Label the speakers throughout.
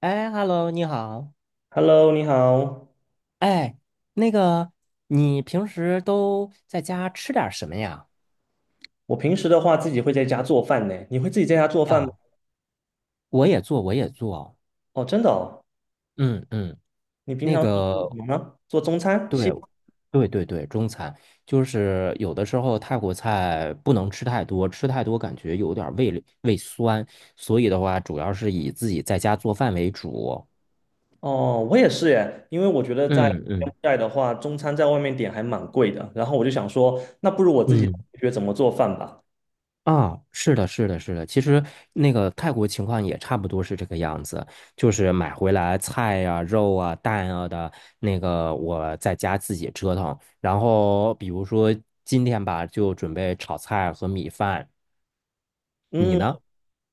Speaker 1: 哎，Hello，你好。
Speaker 2: Hello，你好。
Speaker 1: 哎，那个，你平时都在家吃点儿什么呀？
Speaker 2: 我平时的话自己会在家做饭呢。你会自己在家做饭吗？
Speaker 1: 啊，我也做，我也做。
Speaker 2: 哦，真的哦。
Speaker 1: 嗯嗯，
Speaker 2: 你平
Speaker 1: 那
Speaker 2: 常是做什
Speaker 1: 个，
Speaker 2: 么呢？做中餐、西
Speaker 1: 对，
Speaker 2: 餐
Speaker 1: 对对对，中餐就是有的时候泰国菜不能吃太多，吃太多感觉有点儿胃里胃酸，所以的话，主要是以自己在家做饭为主。
Speaker 2: 哦，我也是耶。因为我觉得在
Speaker 1: 嗯
Speaker 2: 柬
Speaker 1: 嗯
Speaker 2: 埔寨的话，中餐在外面点还蛮贵的。然后我就想说，那不如我自己
Speaker 1: 嗯。
Speaker 2: 学怎么做饭吧。
Speaker 1: 啊，是的，是的，是的。其实那个泰国情况也差不多是这个样子，就是买回来菜呀、肉啊、蛋啊的，那个我在家自己折腾。然后比如说今天吧，就准备炒菜和米饭。你
Speaker 2: 嗯，
Speaker 1: 呢？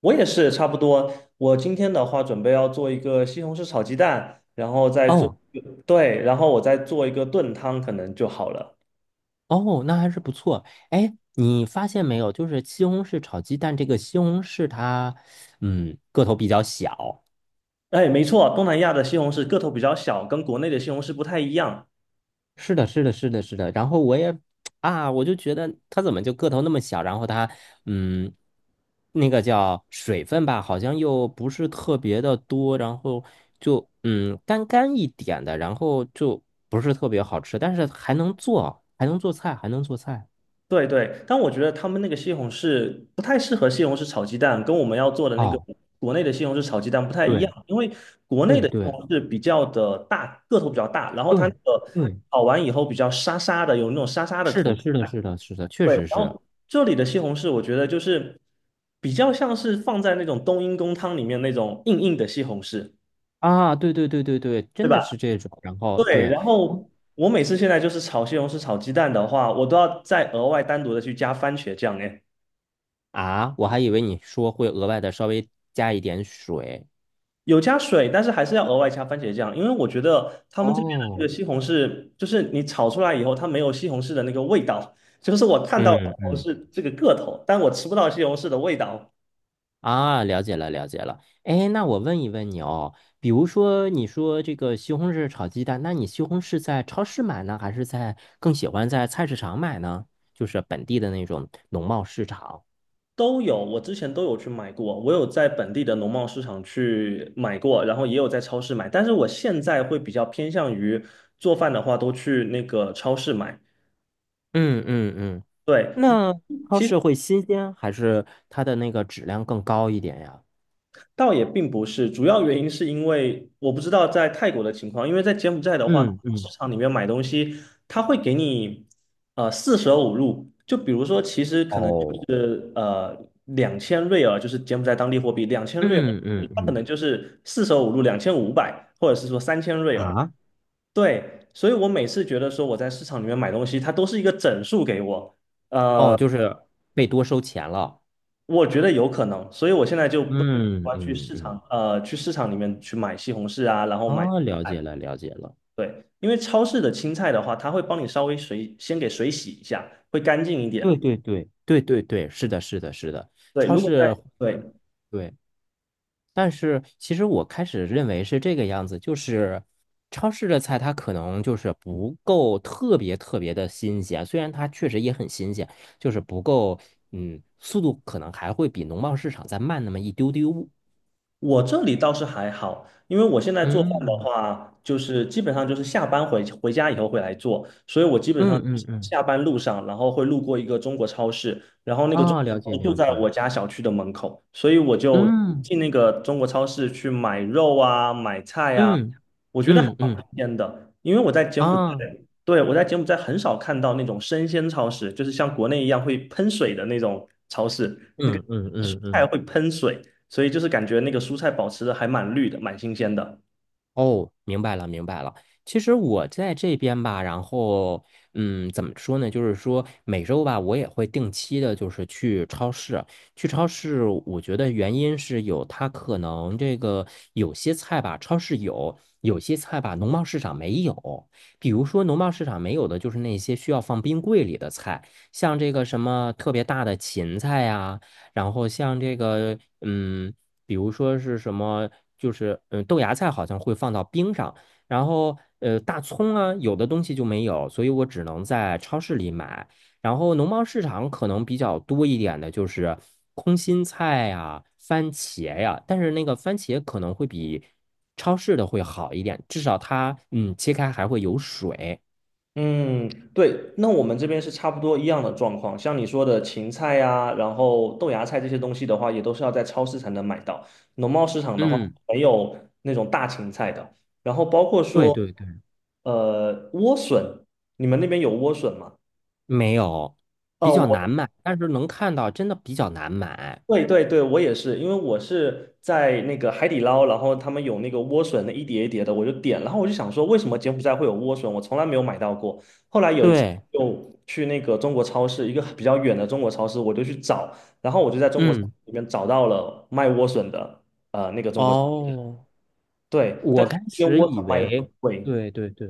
Speaker 2: 我也是差不多。我今天的话准备要做一个西红柿炒鸡蛋，然后再做，
Speaker 1: 哦
Speaker 2: 对，然后我再做一个炖汤，可能就好了。
Speaker 1: 哦，那还是不错。哎，你发现没有，就是西红柿炒鸡蛋这个西红柿它，嗯，个头比较小，
Speaker 2: 哎，没错，东南亚的西红柿个头比较小，跟国内的西红柿不太一样。
Speaker 1: 是的，是的，是的，是的。然后我也 啊，我就觉得它怎么就个头那么小？然后它，嗯，那个叫水分吧，好像又不是特别的多，然后就干干一点的，然后就不是特别好吃，但是还能做，还能做菜，还能做菜。
Speaker 2: 对对，但我觉得他们那个西红柿不太适合西红柿炒鸡蛋，跟我们要做的那个
Speaker 1: 哦，
Speaker 2: 国内的西红柿炒鸡蛋不太一样，
Speaker 1: 对
Speaker 2: 因为国内
Speaker 1: 对
Speaker 2: 的西红
Speaker 1: 对
Speaker 2: 柿比较的大，个头比较大，然后它那
Speaker 1: 对
Speaker 2: 个
Speaker 1: 对，
Speaker 2: 炒完以后比较沙沙的，有那种沙沙的
Speaker 1: 是
Speaker 2: 口
Speaker 1: 的，是的，
Speaker 2: 感。
Speaker 1: 是的，是的，确
Speaker 2: 对，
Speaker 1: 实
Speaker 2: 然
Speaker 1: 是
Speaker 2: 后这里的西红柿我觉得就是比较像是放在那种冬阴功汤里面那种硬硬的西红柿，
Speaker 1: 啊，对对对对对，
Speaker 2: 对
Speaker 1: 真的
Speaker 2: 吧？
Speaker 1: 是这种。然后
Speaker 2: 对，
Speaker 1: 对。
Speaker 2: 然后我每次现在就是炒西红柿、炒鸡蛋的话，我都要再额外单独的去加番茄酱。哎，
Speaker 1: 啊，我还以为你说会额外的稍微加一点水。
Speaker 2: 有加水，但是还是要额外加番茄酱，因为我觉得他们这边的这
Speaker 1: 哦，
Speaker 2: 个西红柿，就是你炒出来以后，它没有西红柿的那个味道。就是我看到了西
Speaker 1: 嗯嗯，
Speaker 2: 红柿这个个头，但我吃不到西红柿的味道。
Speaker 1: 啊，了解了了解了。哎，那我问一问你哦，比如说你说这个西红柿炒鸡蛋，那你西红柿在超市买呢，还是在更喜欢在菜市场买呢？就是本地的那种农贸市场。
Speaker 2: 都有，我之前都有去买过，我有在本地的农贸市场去买过，然后也有在超市买，但是我现在会比较偏向于做饭的话，都去那个超市买。
Speaker 1: 嗯嗯嗯，
Speaker 2: 对，
Speaker 1: 那超
Speaker 2: 其实
Speaker 1: 市会新鲜，还是它的那个质量更高一点呀？
Speaker 2: 倒也并不是，主要原因是因为我不知道在泰国的情况，因为在柬埔寨的话，
Speaker 1: 嗯
Speaker 2: 市
Speaker 1: 嗯，
Speaker 2: 场里面买东西，他会给你四舍五入，就比如说，其实可能就
Speaker 1: 哦，
Speaker 2: 是两千瑞尔，就是柬埔寨当地货币两千瑞尔，
Speaker 1: 嗯嗯
Speaker 2: 它可
Speaker 1: 嗯，
Speaker 2: 能就是四舍五入2500，或者是说3000瑞尔。
Speaker 1: 啊？
Speaker 2: 对，所以我每次觉得说我在市场里面买东西，它都是一个整数给我。
Speaker 1: 哦，
Speaker 2: 呃。
Speaker 1: 就是被多收钱了。
Speaker 2: 我觉得有可能，所以我现在就不太喜
Speaker 1: 嗯
Speaker 2: 欢去
Speaker 1: 嗯
Speaker 2: 市
Speaker 1: 嗯，
Speaker 2: 场，呃，去市场里面去买西红柿啊，然后买，
Speaker 1: 啊，了解了，了解了。
Speaker 2: 对，因为超市的青菜的话，它会帮你稍微水，先给水洗一下，会干净一
Speaker 1: 对
Speaker 2: 点。
Speaker 1: 对对对对对，是的，是的，是的，
Speaker 2: 对，
Speaker 1: 超
Speaker 2: 如果
Speaker 1: 市，
Speaker 2: 在，对，
Speaker 1: 对。但是其实我开始认为是这个样子，就是超市的菜它可能就是不够特别特别的新鲜，虽然它确实也很新鲜，就是不够，嗯，速度可能还会比农贸市场再慢那么一丢丢。
Speaker 2: 我这里倒是还好，因为我现在做饭的
Speaker 1: 嗯
Speaker 2: 话，就是基本上就是下班回家以后会来做，所以我基本上
Speaker 1: 嗯
Speaker 2: 就
Speaker 1: 嗯
Speaker 2: 是
Speaker 1: 嗯，
Speaker 2: 下班路上，然后会路过一个中国超市，然后那个中
Speaker 1: 啊，
Speaker 2: 国
Speaker 1: 了解
Speaker 2: 超市就
Speaker 1: 了
Speaker 2: 在
Speaker 1: 解。
Speaker 2: 我家小区的门口，所以我就
Speaker 1: 嗯
Speaker 2: 进那个中国超市去买肉啊、买菜啊，
Speaker 1: 嗯。
Speaker 2: 我觉得还
Speaker 1: 嗯
Speaker 2: 蛮
Speaker 1: 嗯
Speaker 2: 新鲜的，因为我在柬埔寨，
Speaker 1: 啊，
Speaker 2: 对，我在柬埔寨很少看到那种生鲜超市，就是像国内一样会喷水的那种超市，那个
Speaker 1: 嗯嗯
Speaker 2: 蔬
Speaker 1: 嗯
Speaker 2: 菜
Speaker 1: 嗯，
Speaker 2: 会喷水。所以就是感觉那个蔬菜保持的还蛮绿的，蛮新鲜的。
Speaker 1: 哦，明白了明白了。其实我在这边吧，然后嗯，怎么说呢？就是说每周吧，我也会定期的，就是去超市。去超市，我觉得原因是有它可能这个有些菜吧，超市有；有些菜吧，农贸市场没有。比如说农贸市场没有的，就是那些需要放冰柜里的菜，像这个什么特别大的芹菜呀。然后像这个，嗯，比如说是什么，就是豆芽菜好像会放到冰上，然后大葱啊，有的东西就没有，所以我只能在超市里买。然后农贸市场可能比较多一点的就是空心菜呀、番茄呀，但是那个番茄可能会比超市的会好一点，至少它切开还会有水。
Speaker 2: 嗯，对，那我们这边是差不多一样的状况。像你说的芹菜呀、然后豆芽菜这些东西的话，也都是要在超市才能买到。农贸市场的话，
Speaker 1: 嗯，
Speaker 2: 没有那种大芹菜的。然后包括
Speaker 1: 对
Speaker 2: 说，
Speaker 1: 对对，
Speaker 2: 莴笋，你们那边有莴笋吗？
Speaker 1: 没有，比
Speaker 2: 哦，
Speaker 1: 较难
Speaker 2: 我。
Speaker 1: 买，但是能看到真的比较难买。
Speaker 2: 对对对，我也是，因为我是在那个海底捞，然后他们有那个莴笋的一碟一碟的，我就点，然后我就想说，为什么柬埔寨会有莴笋？我从来没有买到过。后来有一次
Speaker 1: 对，
Speaker 2: 就去那个中国超市，一个比较远的中国超市，我就去找，然后我就在中国超市
Speaker 1: 嗯，
Speaker 2: 里面找到了卖莴笋的，那个中国，
Speaker 1: 哦。
Speaker 2: 对，但
Speaker 1: 我
Speaker 2: 是
Speaker 1: 开
Speaker 2: 这边
Speaker 1: 始
Speaker 2: 莴
Speaker 1: 以
Speaker 2: 笋卖的很
Speaker 1: 为，
Speaker 2: 贵。
Speaker 1: 对对对，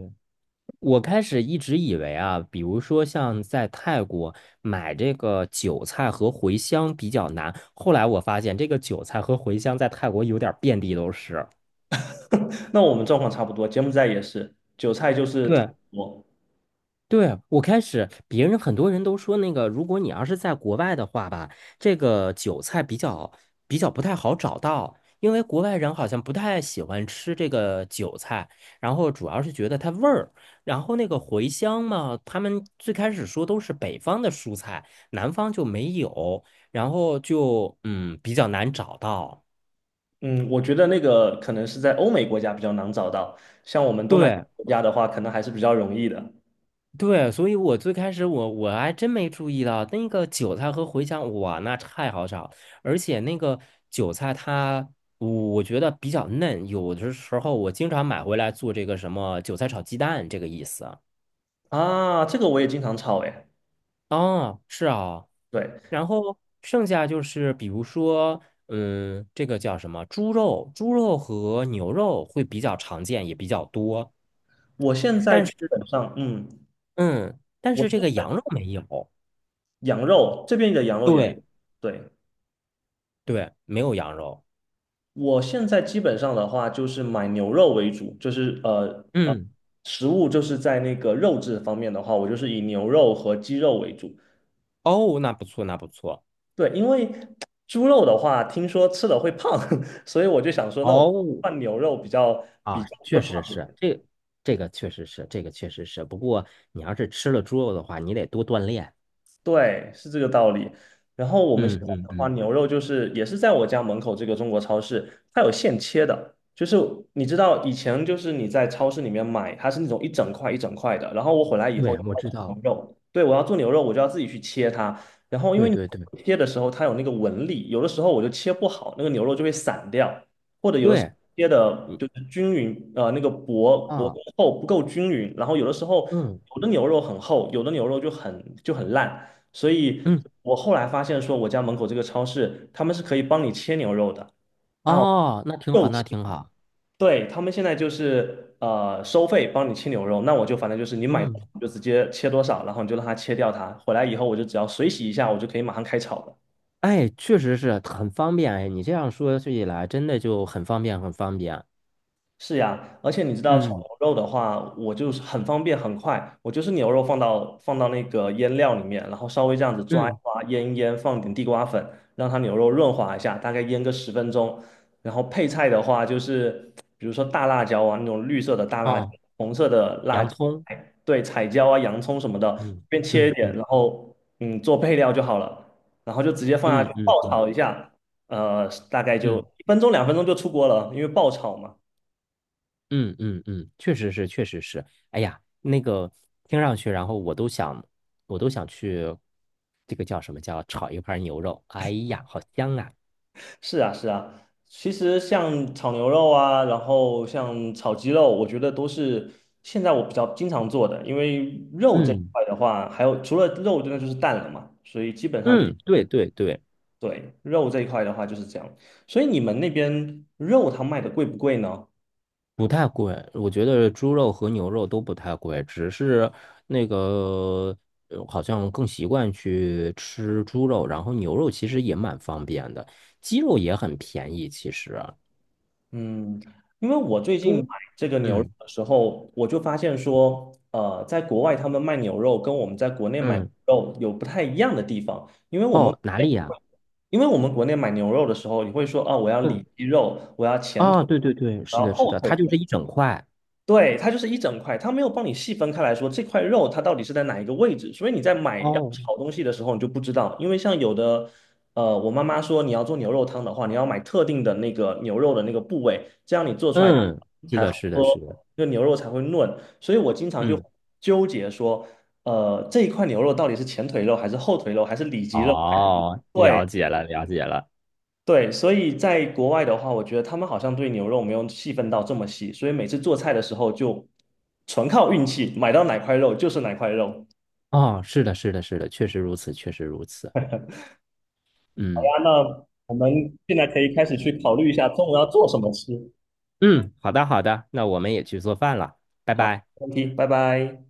Speaker 1: 我开始一直以为啊，比如说像在泰国买这个韭菜和茴香比较难，后来我发现这个韭菜和茴香在泰国有点儿遍地都是。
Speaker 2: 那我们状况差不多，柬埔寨也是，韭菜就是特别
Speaker 1: 对。
Speaker 2: 多
Speaker 1: 对，我开始，别人很多人都说那个，如果你要是在国外的话吧，这个韭菜比较不太好找到，因为国外人好像不太喜欢吃这个韭菜，然后主要是觉得它味儿，然后那个茴香嘛，他们最开始说都是北方的蔬菜，南方就没有，然后就比较难找到。
Speaker 2: 嗯，我觉得那个可能是在欧美国家比较难找到，像我们东南亚
Speaker 1: 对。
Speaker 2: 国家的话，可能还是比较容易的
Speaker 1: 对，所以我最开始我还真没注意到那个韭菜和茴香，哇，那太好炒，而且那个韭菜它，我觉得比较嫩，有的时候我经常买回来做这个什么韭菜炒鸡蛋这个意思。
Speaker 2: 啊。这个我也经常炒诶。
Speaker 1: 啊，是啊，
Speaker 2: 对，
Speaker 1: 然后剩下就是比如说，嗯，这个叫什么猪肉，猪肉和牛肉会比较常见，也比较多，
Speaker 2: 我现在
Speaker 1: 但
Speaker 2: 基
Speaker 1: 是
Speaker 2: 本上，嗯，
Speaker 1: 嗯，但
Speaker 2: 我
Speaker 1: 是这
Speaker 2: 现
Speaker 1: 个
Speaker 2: 在
Speaker 1: 羊肉没有，
Speaker 2: 羊肉这边的羊肉也
Speaker 1: 对
Speaker 2: 对，
Speaker 1: 对，没有羊肉。
Speaker 2: 我现在基本上的话就是买牛肉为主，就是
Speaker 1: 嗯，
Speaker 2: 食物就是在那个肉质方面的话，我就是以牛肉和鸡肉为主。
Speaker 1: 哦，那不错，那不错。
Speaker 2: 对，因为猪肉的话，听说吃了会胖，所以我就想说，那我
Speaker 1: 哦，
Speaker 2: 换牛肉比较
Speaker 1: 啊，
Speaker 2: 比较不
Speaker 1: 确实
Speaker 2: 胖。
Speaker 1: 是，这这个确实是，这个确实是。不过你要是吃了猪肉的话，你得多锻炼。
Speaker 2: 对，是这个道理。然后我们现
Speaker 1: 嗯
Speaker 2: 在
Speaker 1: 嗯
Speaker 2: 的话，
Speaker 1: 嗯，
Speaker 2: 牛肉就是也是在我家门口这个中国超市，它有现切的。就是你知道以前就是你在超市里面买，它是那种一整块一整块的。然后我回来以后
Speaker 1: 对，我
Speaker 2: 要
Speaker 1: 知
Speaker 2: 做牛
Speaker 1: 道。
Speaker 2: 肉，对，我要做牛肉，我就要自己去切它。然后因为
Speaker 1: 对
Speaker 2: 你
Speaker 1: 对对
Speaker 2: 切的时候它有那个纹理，有的时候我就切不好，那个牛肉就会散掉，或者有的时候
Speaker 1: 对，
Speaker 2: 切的
Speaker 1: 嗯
Speaker 2: 就是均匀，呃，那个薄薄
Speaker 1: 啊，
Speaker 2: 厚不够均匀。然后有的时候
Speaker 1: 嗯
Speaker 2: 有的牛肉很厚，有的牛肉就很烂。所以
Speaker 1: 嗯，
Speaker 2: 我后来发现说，我家门口这个超市他们是可以帮你切牛肉的啊，
Speaker 1: 哦，那挺
Speaker 2: 肉
Speaker 1: 好，那
Speaker 2: 切，
Speaker 1: 挺好。
Speaker 2: 对，他们现在就是收费帮你切牛肉，那我就反正就是你买
Speaker 1: 嗯，
Speaker 2: 你就直接切多少，然后你就让他切掉它，回来以后我就只要水洗一下，我就可以马上开炒了。
Speaker 1: 哎，确实是很方便。哎，你这样说起来，真的就很方便，很方便。
Speaker 2: 是呀，而且你知道炒
Speaker 1: 嗯
Speaker 2: 牛肉的话，我就是很方便很快，我就是牛肉放到那个腌料里面，然后稍微这样子抓一
Speaker 1: 嗯，
Speaker 2: 抓，腌一腌，放点地瓜粉，让它牛肉润滑一下，大概腌个10分钟。然后配菜的话，就是比如说大辣椒啊，那种绿色的大辣椒、
Speaker 1: 哦，
Speaker 2: 红色的辣
Speaker 1: 洋
Speaker 2: 椒，
Speaker 1: 葱。
Speaker 2: 哎对，彩椒啊、洋葱什么的，随
Speaker 1: 嗯
Speaker 2: 便切一
Speaker 1: 嗯
Speaker 2: 点，
Speaker 1: 嗯
Speaker 2: 然后嗯做配料就好了，然后就直接放下去
Speaker 1: 嗯嗯
Speaker 2: 爆
Speaker 1: 嗯
Speaker 2: 炒一下，大概就
Speaker 1: 嗯。
Speaker 2: 1分钟2分钟就出锅了，因为爆炒嘛。
Speaker 1: 嗯嗯嗯，确实是，确实是。哎呀，那个听上去，然后我都想，我都想去，这个叫什么叫炒一盘牛肉？哎呀，好香啊！
Speaker 2: 是啊，是啊，其实像炒牛肉啊，然后像炒鸡肉，我觉得都是现在我比较经常做的，因为肉这一
Speaker 1: 嗯
Speaker 2: 块的话，还有除了肉，真的就是蛋了嘛，所以基本上就
Speaker 1: 嗯，对对对，
Speaker 2: 对肉这一块的话就是这样。所以你们那边肉它卖的贵不贵呢？
Speaker 1: 不太贵，我觉得猪肉和牛肉都不太贵，只是那个好像更习惯去吃猪肉，然后牛肉其实也蛮方便的，鸡肉也很便宜，其实
Speaker 2: 嗯，因为我最近买
Speaker 1: 都
Speaker 2: 这个牛肉
Speaker 1: 嗯
Speaker 2: 的时候，我就发现说，在国外他们卖牛肉跟我们在国内买牛
Speaker 1: 嗯
Speaker 2: 肉有不太一样的地方，因为我们
Speaker 1: 哦，
Speaker 2: 国
Speaker 1: 哪
Speaker 2: 内，
Speaker 1: 里呀？
Speaker 2: 因为我们国内买牛肉的时候，你会说啊，我要
Speaker 1: 嗯。
Speaker 2: 里脊肉，我要前腿，
Speaker 1: 啊，对对对，
Speaker 2: 我
Speaker 1: 是
Speaker 2: 要
Speaker 1: 的，是
Speaker 2: 后
Speaker 1: 的，
Speaker 2: 腿。
Speaker 1: 它就是一整块。
Speaker 2: 对，它就是一整块，它没有帮你细分开来说这块肉它到底是在哪一个位置，所以你在买要
Speaker 1: 哦，
Speaker 2: 炒东西的时候你就不知道，因为像有的，我妈妈说你要做牛肉汤的话，你要买特定的那个牛肉的那个部位，这样你做出来
Speaker 1: 嗯，是
Speaker 2: 才好
Speaker 1: 的，是
Speaker 2: 喝，
Speaker 1: 的，是的，
Speaker 2: 这牛肉才会嫩，所以我经常就
Speaker 1: 嗯，
Speaker 2: 纠结说，这一块牛肉到底是前腿肉还是后腿肉还是里脊肉？
Speaker 1: 哦，
Speaker 2: 对。
Speaker 1: 了解了，了解了。
Speaker 2: 对，所以在国外的话，我觉得他们好像对牛肉没有细分到这么细，所以每次做菜的时候就纯靠运气，买到哪块肉就是哪块肉。
Speaker 1: 哦，是的，是的，是的，确实如此，确实如此。
Speaker 2: 啊
Speaker 1: 嗯
Speaker 2: 那我们现在可以开始去考虑一下中午要做什么吃。
Speaker 1: 嗯，好的，好的，那我们也去做饭了，拜
Speaker 2: 好，
Speaker 1: 拜。
Speaker 2: 没问题，拜拜。